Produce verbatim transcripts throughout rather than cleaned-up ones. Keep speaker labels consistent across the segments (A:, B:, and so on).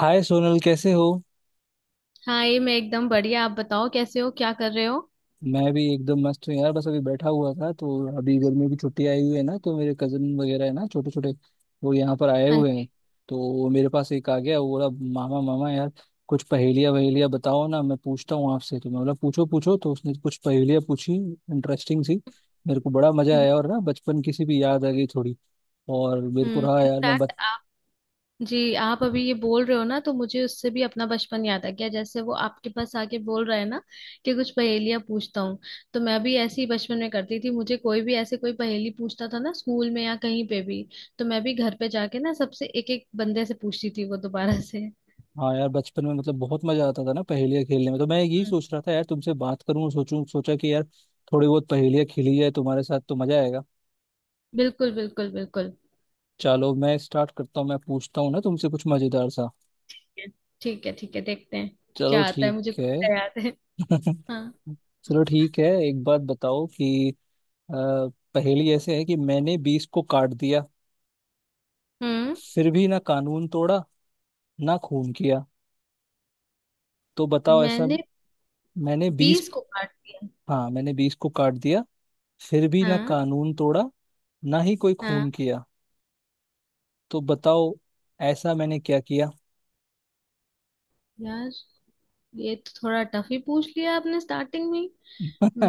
A: हाय सोनल, कैसे हो।
B: हाँ, ये मैं एकदम बढ़िया। आप बताओ, कैसे हो? क्या कर रहे हो?
A: मैं भी एकदम मस्त हूँ यार। बस अभी बैठा हुआ था तो अभी गर्मी की छुट्टी आई हुई है ना, तो मेरे कजन वगैरह है ना, छोटे छोटे वो यहाँ पर आए
B: हाँ
A: हुए हैं।
B: जी।
A: तो वो मेरे पास एक आ गया, वो बोला मामा मामा, यार कुछ पहेलियाँ वहेलियाँ बताओ ना, मैं पूछता हूँ आपसे। तो मैं बोला पूछो पूछो। तो उसने कुछ पहेलियाँ पूछी, इंटरेस्टिंग सी। मेरे को बड़ा मजा आया और ना बचपन की सी भी याद आ गई थोड़ी। और मेरे को
B: हम्म
A: रहा यार मैं।
B: इनफैक्ट आप। जी, आप अभी ये बोल रहे हो ना, तो मुझे उससे भी अपना बचपन याद आ गया। जैसे वो आपके पास आके बोल रहा है ना कि कुछ पहेलियां पूछता हूँ, तो मैं भी ऐसे ही बचपन में करती थी। मुझे कोई भी ऐसे कोई पहेली पूछता था ना स्कूल में या कहीं पे भी, तो मैं भी घर पे जाके ना सबसे एक एक बंदे से पूछती थी वो दोबारा से।
A: हाँ यार, बचपन में मतलब बहुत मजा आता था ना पहेलियाँ खेलने में। तो मैं यही
B: हम्म,
A: सोच रहा था यार, तुमसे बात करूं, सोचूं, सोचा कि यार थोड़ी बहुत पहेलियाँ खेली जाए तुम्हारे साथ तो मजा आएगा।
B: बिल्कुल बिल्कुल बिल्कुल।
A: चलो मैं स्टार्ट करता हूँ, मैं पूछता हूँ ना तुमसे कुछ मजेदार सा।
B: ठीक है ठीक है, देखते हैं
A: चलो
B: क्या आता है
A: ठीक
B: मुझे,
A: है।
B: कुछ याद है। हाँ।
A: चलो ठीक है, एक बात बताओ कि अ, पहेली ऐसे है कि मैंने बीस को काट दिया,
B: हम्म
A: फिर भी ना कानून तोड़ा, ना खून किया। तो बताओ ऐसा।
B: मैंने
A: मैंने बीस।
B: बीस को काट दिया।
A: हाँ, मैंने बीस को काट दिया, फिर भी ना
B: हाँ।
A: कानून तोड़ा, ना ही कोई
B: हाँ
A: खून किया। तो बताओ ऐसा मैंने क्या किया।
B: यार, ये तो थोड़ा टफ ही पूछ लिया आपने स्टार्टिंग में ही।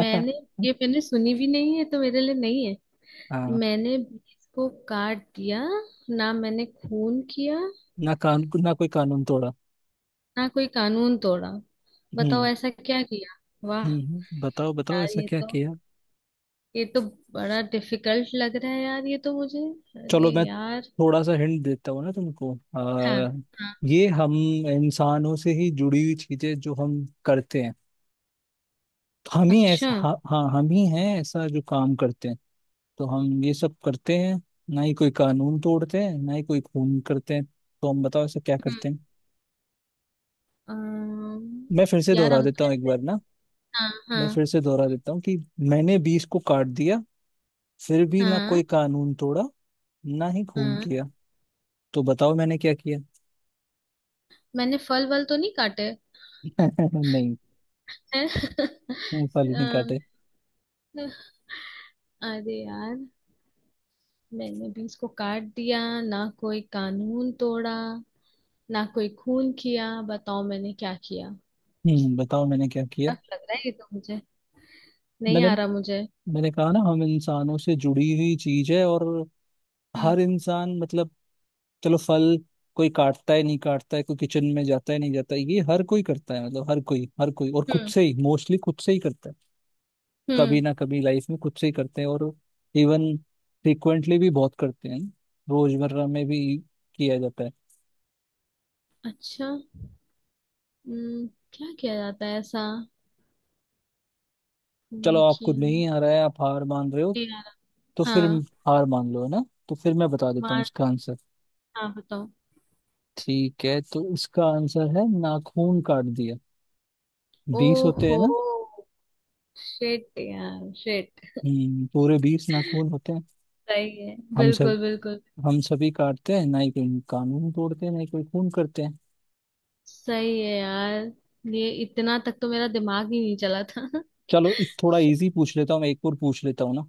B: मैंने ये, मैंने सुनी भी नहीं है, तो मेरे लिए नहीं है।
A: हाँ।
B: मैंने बीस को काट दिया, ना मैंने खून किया,
A: ना कानून ना कोई कानून तोड़ा।
B: ना कोई कानून तोड़ा। बताओ
A: हम्म,
B: ऐसा क्या किया। वाह।
A: हम्म, हम्म। बताओ बताओ
B: यार
A: ऐसा
B: ये
A: क्या
B: तो
A: किया।
B: ये तो बड़ा डिफिकल्ट लग रहा है। यार, ये तो मुझे...
A: चलो
B: अरे
A: मैं
B: यार।
A: थोड़ा सा हिंट देता हूँ ना तुमको।
B: हाँ
A: आ,
B: हाँ।
A: ये हम इंसानों से ही जुड़ी हुई चीजें जो हम करते हैं। तो हम ही
B: अच्छा।
A: ऐसा, हाँ हाँ, हम ही हैं ऐसा जो काम करते हैं। तो हम ये सब करते हैं, ना ही कोई कानून तोड़ते हैं, ना ही कोई खून करते हैं। तो हम बताओ ऐसा क्या
B: हम्म,
A: करते हैं।
B: अम्म,
A: मैं फिर से
B: यार,
A: दोहरा
B: हम
A: देता
B: तो
A: हूँ एक
B: ऐसे...
A: बार ना,
B: हाँ
A: मैं
B: हाँ।
A: फिर से दोहरा देता हूँ कि मैंने बीस को काट दिया, फिर भी ना
B: हाँ
A: कोई कानून तोड़ा, ना ही खून
B: हाँ।
A: किया। तो बताओ मैंने क्या किया।
B: मैंने फल वल तो नहीं काटे।
A: नहीं,
B: हैं?
A: फल नहीं
B: अम,
A: काटे।
B: अरे यार, मैंने भी इसको काट दिया, ना कोई कानून तोड़ा, ना कोई खून किया। बताओ मैंने क्या किया।
A: हम्म बताओ मैंने क्या किया।
B: टफ लग रहा है ये तो मुझे, नहीं
A: मैंने
B: आ रहा मुझे।
A: मैंने कहा ना हम इंसानों से जुड़ी हुई चीज है। और
B: हम्म
A: हर इंसान मतलब, चलो फल कोई काटता है, नहीं काटता है, कोई किचन में जाता है, नहीं जाता है, ये हर कोई करता है। मतलब हर कोई, हर कोई, और खुद
B: हम्म
A: से ही मोस्टली, खुद से ही करता है। कभी
B: हम्म।
A: ना कभी लाइफ में खुद से ही करते हैं, और इवन फ्रिक्वेंटली भी बहुत करते हैं, रोजमर्रा में भी किया जाता है।
B: अच्छा। हम्म, क्या किया जाता है ऐसा?
A: चलो
B: हम्म,
A: आपको
B: किया ना-
A: नहीं आ रहा है, आप हार मान रहे हो
B: नहीं आ रहा।
A: तो फिर
B: हाँ।
A: हार मान लो है ना। तो फिर मैं बता देता हूँ
B: मार।
A: इसका आंसर।
B: हाँ, बताओ।
A: ठीक है, तो इसका आंसर है नाखून काट दिया। बीस होते हैं
B: ओहो।
A: ना।
B: शिट यार, शिट।
A: हम्म, पूरे बीस नाखून होते हैं।
B: सही है,
A: हम सब
B: बिल्कुल बिल्कुल।
A: हम सभी काटते हैं, ना ही कोई कानून तोड़ते हैं, ना ही कोई खून करते हैं।
B: सही है यार, ये इतना तक तो मेरा दिमाग ही नहीं चला था।
A: चलो इस थोड़ा इजी पूछ लेता हूँ, मैं एक और पूछ लेता हूँ ना।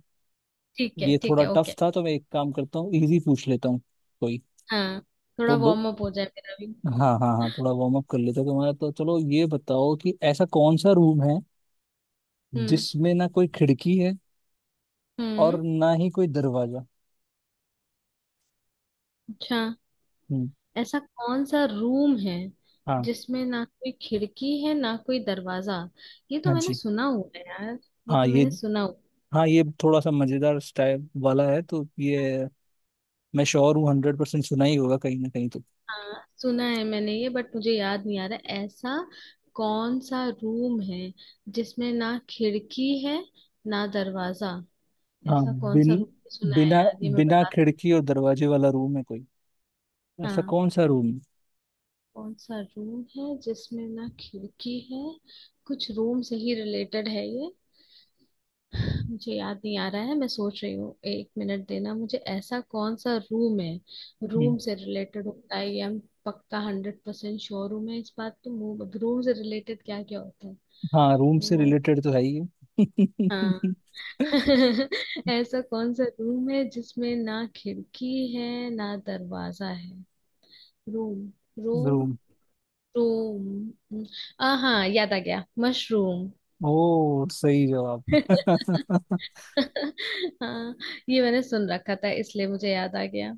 B: ठीक है
A: ये
B: ठीक
A: थोड़ा
B: है,
A: टफ
B: ओके।
A: था, तो मैं एक काम करता हूँ, इजी पूछ लेता हूँ कोई।
B: हाँ, थोड़ा
A: तो ब...
B: वार्म अप हो जाए मेरा भी।
A: हाँ हाँ हाँ, थोड़ा वार्म अप कर लेते हैं तुम्हारा, तो चलो ये बताओ कि ऐसा कौन सा रूम है
B: हम्म
A: जिसमें ना कोई खिड़की है
B: हम्म।
A: और ना ही कोई दरवाजा।
B: अच्छा।
A: हम्म,
B: ऐसा कौन सा रूम है
A: हाँ,
B: जिसमें ना कोई खिड़की है, ना कोई दरवाजा? ये तो
A: हाँ
B: मैंने
A: जी,
B: सुना हुआ है यार। ये
A: हाँ
B: तो
A: ये
B: मैंने सुना।
A: हाँ ये थोड़ा सा मजेदार स्टाइल वाला है, तो ये मैं श्योर हूँ हंड्रेड परसेंट सुना ही होगा कहीं ना कहीं तो।
B: हाँ, सुना है मैंने ये, बट मुझे याद नहीं आ रहा। ऐसा कौन सा रूम है जिसमें ना खिड़की है, ना दरवाजा?
A: हाँ,
B: ऐसा कौन
A: बिन
B: सा रूम सुना है
A: बिना
B: यार, ये मैं
A: बिना
B: बता...
A: खिड़की और दरवाजे वाला रूम है कोई। ऐसा
B: हाँ।
A: कौन सा रूम है।
B: कौन सा रूम है जिसमें ना खिड़की है? कुछ रूम से ही रिलेटेड है ये। मुझे याद नहीं आ रहा है, मैं सोच रही हूँ। एक मिनट देना मुझे। ऐसा कौन सा रूम है?
A: हम्म।
B: रूम से रिलेटेड होता है ये हम। पक्का, हंड्रेड परसेंट श्योर हूँ मैं इस बात। तो रूम से रिलेटेड क्या क्या होता है?
A: हाँ, रूम से
B: वो...
A: रिलेटेड तो है ही
B: हाँ।
A: है।
B: ऐसा कौन सा रूम है जिसमें ना खिड़की है, ना दरवाजा है? Room, room,
A: room.
B: रूम। आ, हाँ, याद आ गया! मशरूम।
A: ओ सही जवाब।
B: हाँ, ये मैंने सुन रखा था इसलिए मुझे याद आ गया।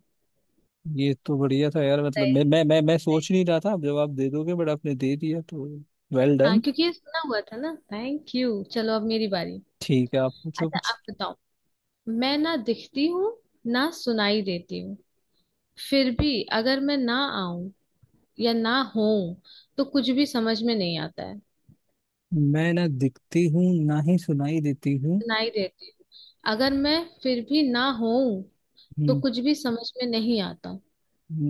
A: ये तो बढ़िया था यार, मतलब मैं
B: सही।
A: मैं मैं मैं सोच
B: सही।
A: नहीं रहा था आप जवाब दे दोगे, बट आपने दे दिया तो वेल
B: हाँ,
A: डन।
B: क्योंकि ये सुना हुआ था ना। Thank you. चलो, अब मेरी बारी।
A: ठीक है, आप पूछो
B: अच्छा,
A: कुछ।
B: आप बताओ। मैं ना दिखती हूँ, ना सुनाई देती हूँ। फिर भी अगर मैं ना आऊं या ना हो, तो कुछ भी समझ में नहीं आता है।
A: मैं ना दिखती हूँ, ना ही सुनाई देती हूँ।
B: सुनाई देती हूँ। अगर मैं फिर भी ना हो, तो
A: हम्म।
B: कुछ भी समझ में नहीं आता।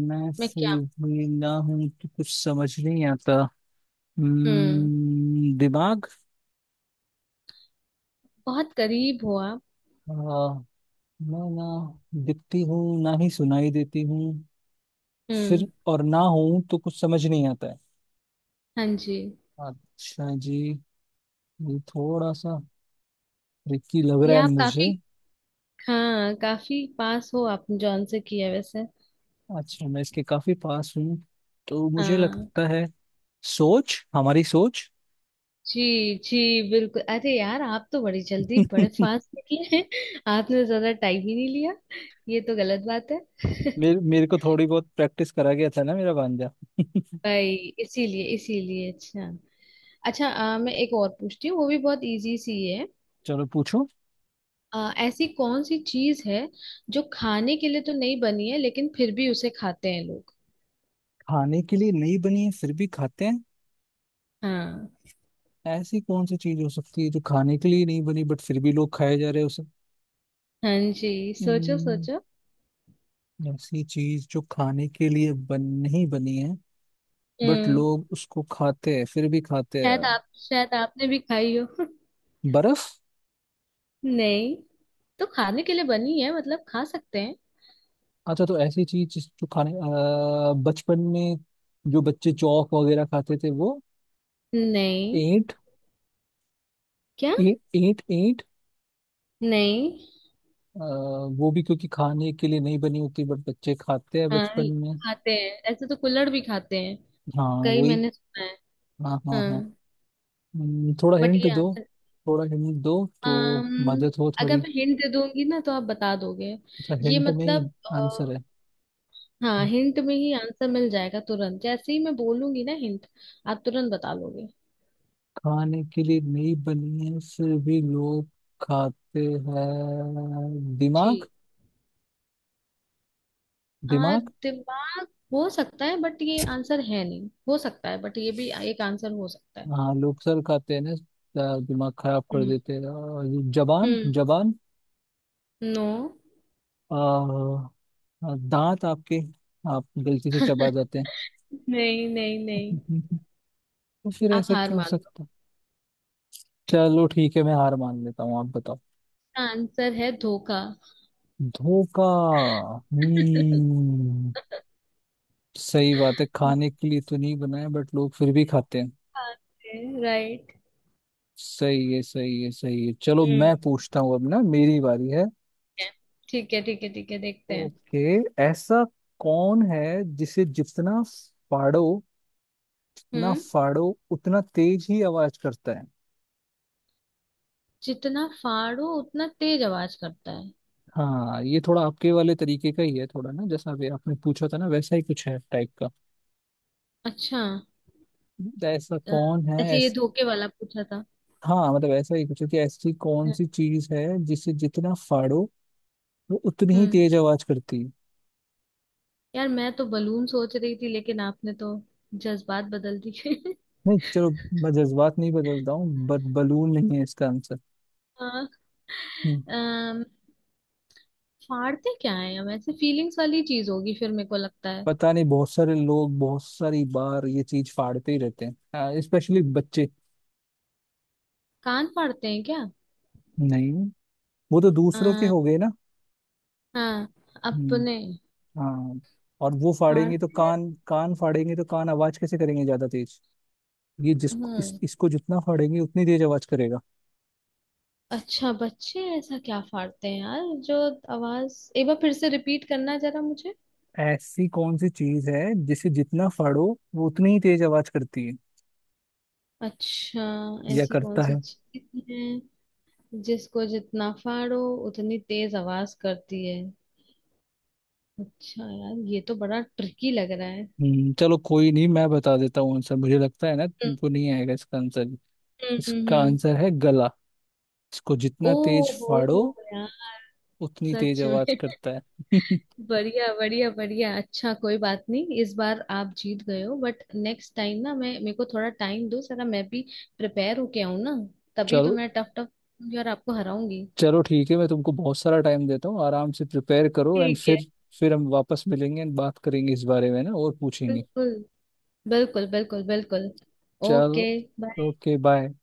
A: मैं
B: मैं क्या?
A: फिर भी ना हूँ तो कुछ समझ नहीं आता।
B: हम्म
A: हम्म, दिमाग।
B: बहुत करीब हो आप।
A: आ, मैं ना दिखती हूँ, ना ही सुनाई देती हूँ। फिर
B: हम्म।
A: और ना हूं तो कुछ समझ नहीं आता है।
B: हाँ जी।
A: अच्छा जी, ये थोड़ा सा ट्रिकी लग
B: ये
A: रहा है
B: आप
A: मुझे।
B: काफी... हाँ, काफी पास हो आप। जॉन से किया वैसे।
A: अच्छा, मैं इसके काफी पास हूँ तो मुझे
B: हाँ
A: लगता है, सोच हमारी सोच।
B: जी। जी, बिल्कुल। अरे यार, आप तो बड़ी जल्दी, बड़े फास्ट निकले हैं। आपने तो ज्यादा टाइम ही नहीं लिया। ये तो गलत बात है।
A: मेरे मेरे को थोड़ी बहुत प्रैक्टिस करा गया था ना मेरा भांजा।
B: भाई, इसीलिए इसीलिए। अच्छा। अच्छा, अ, मैं एक और पूछती हूँ, वो भी बहुत इजी सी है।
A: चलो पूछो।
B: अ, ऐसी कौन सी चीज है जो खाने के लिए तो नहीं बनी है, लेकिन फिर भी उसे खाते हैं लोग?
A: खाने के लिए नहीं बनी है फिर भी खाते हैं?
B: हाँ।
A: ऐसी कौन सी चीज हो सकती है जो खाने के लिए नहीं बनी, बट फिर भी लोग खाए जा रहे हैं उसे?
B: हाँ जी, सोचो
A: हम्म,
B: सोचो।
A: ऐसी चीज जो खाने के लिए बन नहीं बनी है, बट
B: हम्म।
A: लोग उसको खाते हैं, फिर भी खाते
B: शायद
A: हैं।
B: आप... शायद आपने भी खाई हो।
A: बर्फ?
B: नहीं, तो खाने के लिए बनी है मतलब, खा सकते हैं।
A: अच्छा, तो ऐसी चीज जिस- जो खाने अ, बचपन में जो बच्चे चौक वगैरह खाते थे, वो
B: नहीं।
A: ईंट।
B: क्या?
A: ईंट ईंट ईंट।
B: नहीं।
A: अ, वो भी क्योंकि खाने के लिए नहीं बनी होती, बट बच्चे खाते हैं
B: हाँ,
A: बचपन में।
B: खाते हैं ऐसे तो कुल्हड़ भी खाते हैं
A: हाँ
B: कई,
A: वही।
B: मैंने सुना है।
A: हाँ हाँ हाँ।
B: हाँ।
A: हम्म, थोड़ा
B: बट
A: हिंट
B: ये
A: दो।
B: आंसर...
A: थोड़ा हिंट दो तो
B: um,
A: मदद हो
B: अगर
A: थोड़ी।
B: मैं हिंट दे दूंगी ना, तो आप बता दोगे।
A: अच्छा,
B: ये
A: हिंट में ही
B: मतलब अ,
A: आंसर है?
B: हाँ, हिंट में ही आंसर मिल जाएगा तुरंत। जैसे ही मैं बोलूंगी ना हिंट, आप तुरंत बता लोगे।
A: खाने के लिए नहीं बनी है, फिर भी लोग खाते हैं।
B: जी।
A: दिमाग।
B: आ,
A: दिमाग।
B: दिमाग हो सकता है, बट ये आंसर है नहीं। हो सकता है, बट ये भी एक आंसर हो सकता है।
A: हाँ लोग सर खाते हैं ना। अ, दिमाग खराब कर
B: हम्म
A: देते हैं और जबान।
B: हम्म।
A: जबान।
B: नो।
A: अ, अ, दांत आपके। आप गलती से चबा जाते हैं।
B: नहीं नहीं नहीं।
A: तो फिर
B: आप
A: ऐसा
B: हार
A: क्या हो
B: मान लो।
A: सकता है? चलो ठीक है, मैं हार मान लेता हूँ। आप बताओ।
B: उसका आंसर है धोखा।
A: धोखा। हम्म सही बात है, खाने के लिए तो नहीं बना है, बट लोग फिर भी खाते हैं।
B: राइट।
A: सही है, सही है, सही है। चलो मैं
B: ठीक
A: पूछता हूँ अब ना, मेरी बारी है।
B: है ठीक है ठीक है। ठीक है, देखते हैं।
A: ओके। ऐसा कौन है जिसे जितना फाड़ो जितना
B: हम्म।
A: फाड़ो उतना तेज ही आवाज करता है?
B: जितना फाड़ो उतना तेज आवाज करता है।
A: हाँ, ये थोड़ा आपके वाले तरीके का ही है थोड़ा ना, जैसा अभी आपने पूछा था ना वैसा ही कुछ है टाइप का।
B: अच्छा।
A: तो ऐसा
B: अ,
A: कौन है।
B: ऐसे ये
A: ऐस...
B: धोखे वाला पूछा था।
A: हाँ मतलब ऐसा ही कुछ है कि ऐसी कौन सी चीज है जिसे जितना फाड़ो वो उतनी ही
B: हम्म।
A: तेज आवाज करती है?
B: यार, मैं तो बलून सोच रही थी, लेकिन आपने तो जज्बात बदल दिए।
A: नहीं, चलो मैं जज्बात नहीं बदलता हूँ, बट बलून नहीं है इसका आंसर।
B: हाँ। अम, फाड़ते क्या है हम? ऐसे फीलिंग्स वाली चीज होगी फिर, मेरे को लगता है।
A: पता नहीं, बहुत सारे लोग बहुत सारी बार ये चीज फाड़ते ही रहते हैं, स्पेशली बच्चे।
B: कान फाड़ते हैं क्या?
A: नहीं, वो तो
B: अ,
A: दूसरों के हो गए ना।
B: हाँ,
A: हम्म,
B: अपने
A: हाँ। और वो फाड़ेंगे तो
B: फाड़ते हैं।
A: कान, कान फाड़ेंगे तो कान आवाज कैसे करेंगे ज्यादा तेज? ये जिसको इस,
B: हम्म।
A: इसको जितना फाड़ेंगे उतनी तेज आवाज करेगा।
B: अच्छा, बच्चे ऐसा क्या फाड़ते हैं यार जो? आवाज एक बार फिर से रिपीट करना जरा मुझे।
A: ऐसी कौन सी चीज है जिसे जितना फाड़ो वो उतनी ही तेज आवाज करती है,
B: अच्छा।
A: या
B: ऐसी कौन
A: करता है?
B: सी चीज है जिसको जितना फाड़ो उतनी तेज आवाज करती है? अच्छा यार, ये तो बड़ा ट्रिकी लग रहा है।
A: हम्म चलो कोई नहीं, मैं बता देता हूँ आंसर, मुझे लगता है ना
B: हम्म
A: तुमको नहीं आएगा इसका आंसर।
B: हम्म। हम्म,
A: इसका
B: हम्म।
A: आंसर है गला। इसको जितना तेज
B: ओहो
A: फाड़ो
B: यार।
A: उतनी तेज
B: सच
A: आवाज
B: में।
A: करता है।
B: बढ़िया बढ़िया बढ़िया। अच्छा कोई बात नहीं, इस बार आप जीत गए हो, बट नेक्स्ट टाइम ना, मैं... मेरे को थोड़ा टाइम दो जरा, मैं भी प्रिपेयर होके आऊँ ना, तभी तो
A: चलो।
B: मैं टफ टफ और आपको हराऊंगी।
A: चलो ठीक है, मैं तुमको बहुत सारा टाइम देता हूँ, आराम से प्रिपेयर करो, एंड
B: ठीक है।
A: फिर फिर हम वापस मिलेंगे एंड बात करेंगे इस बारे में ना और पूछेंगे।
B: बिल्कुल बिल्कुल बिल्कुल बिल्कुल। ओके,
A: चलो
B: बाय।
A: Okay bye.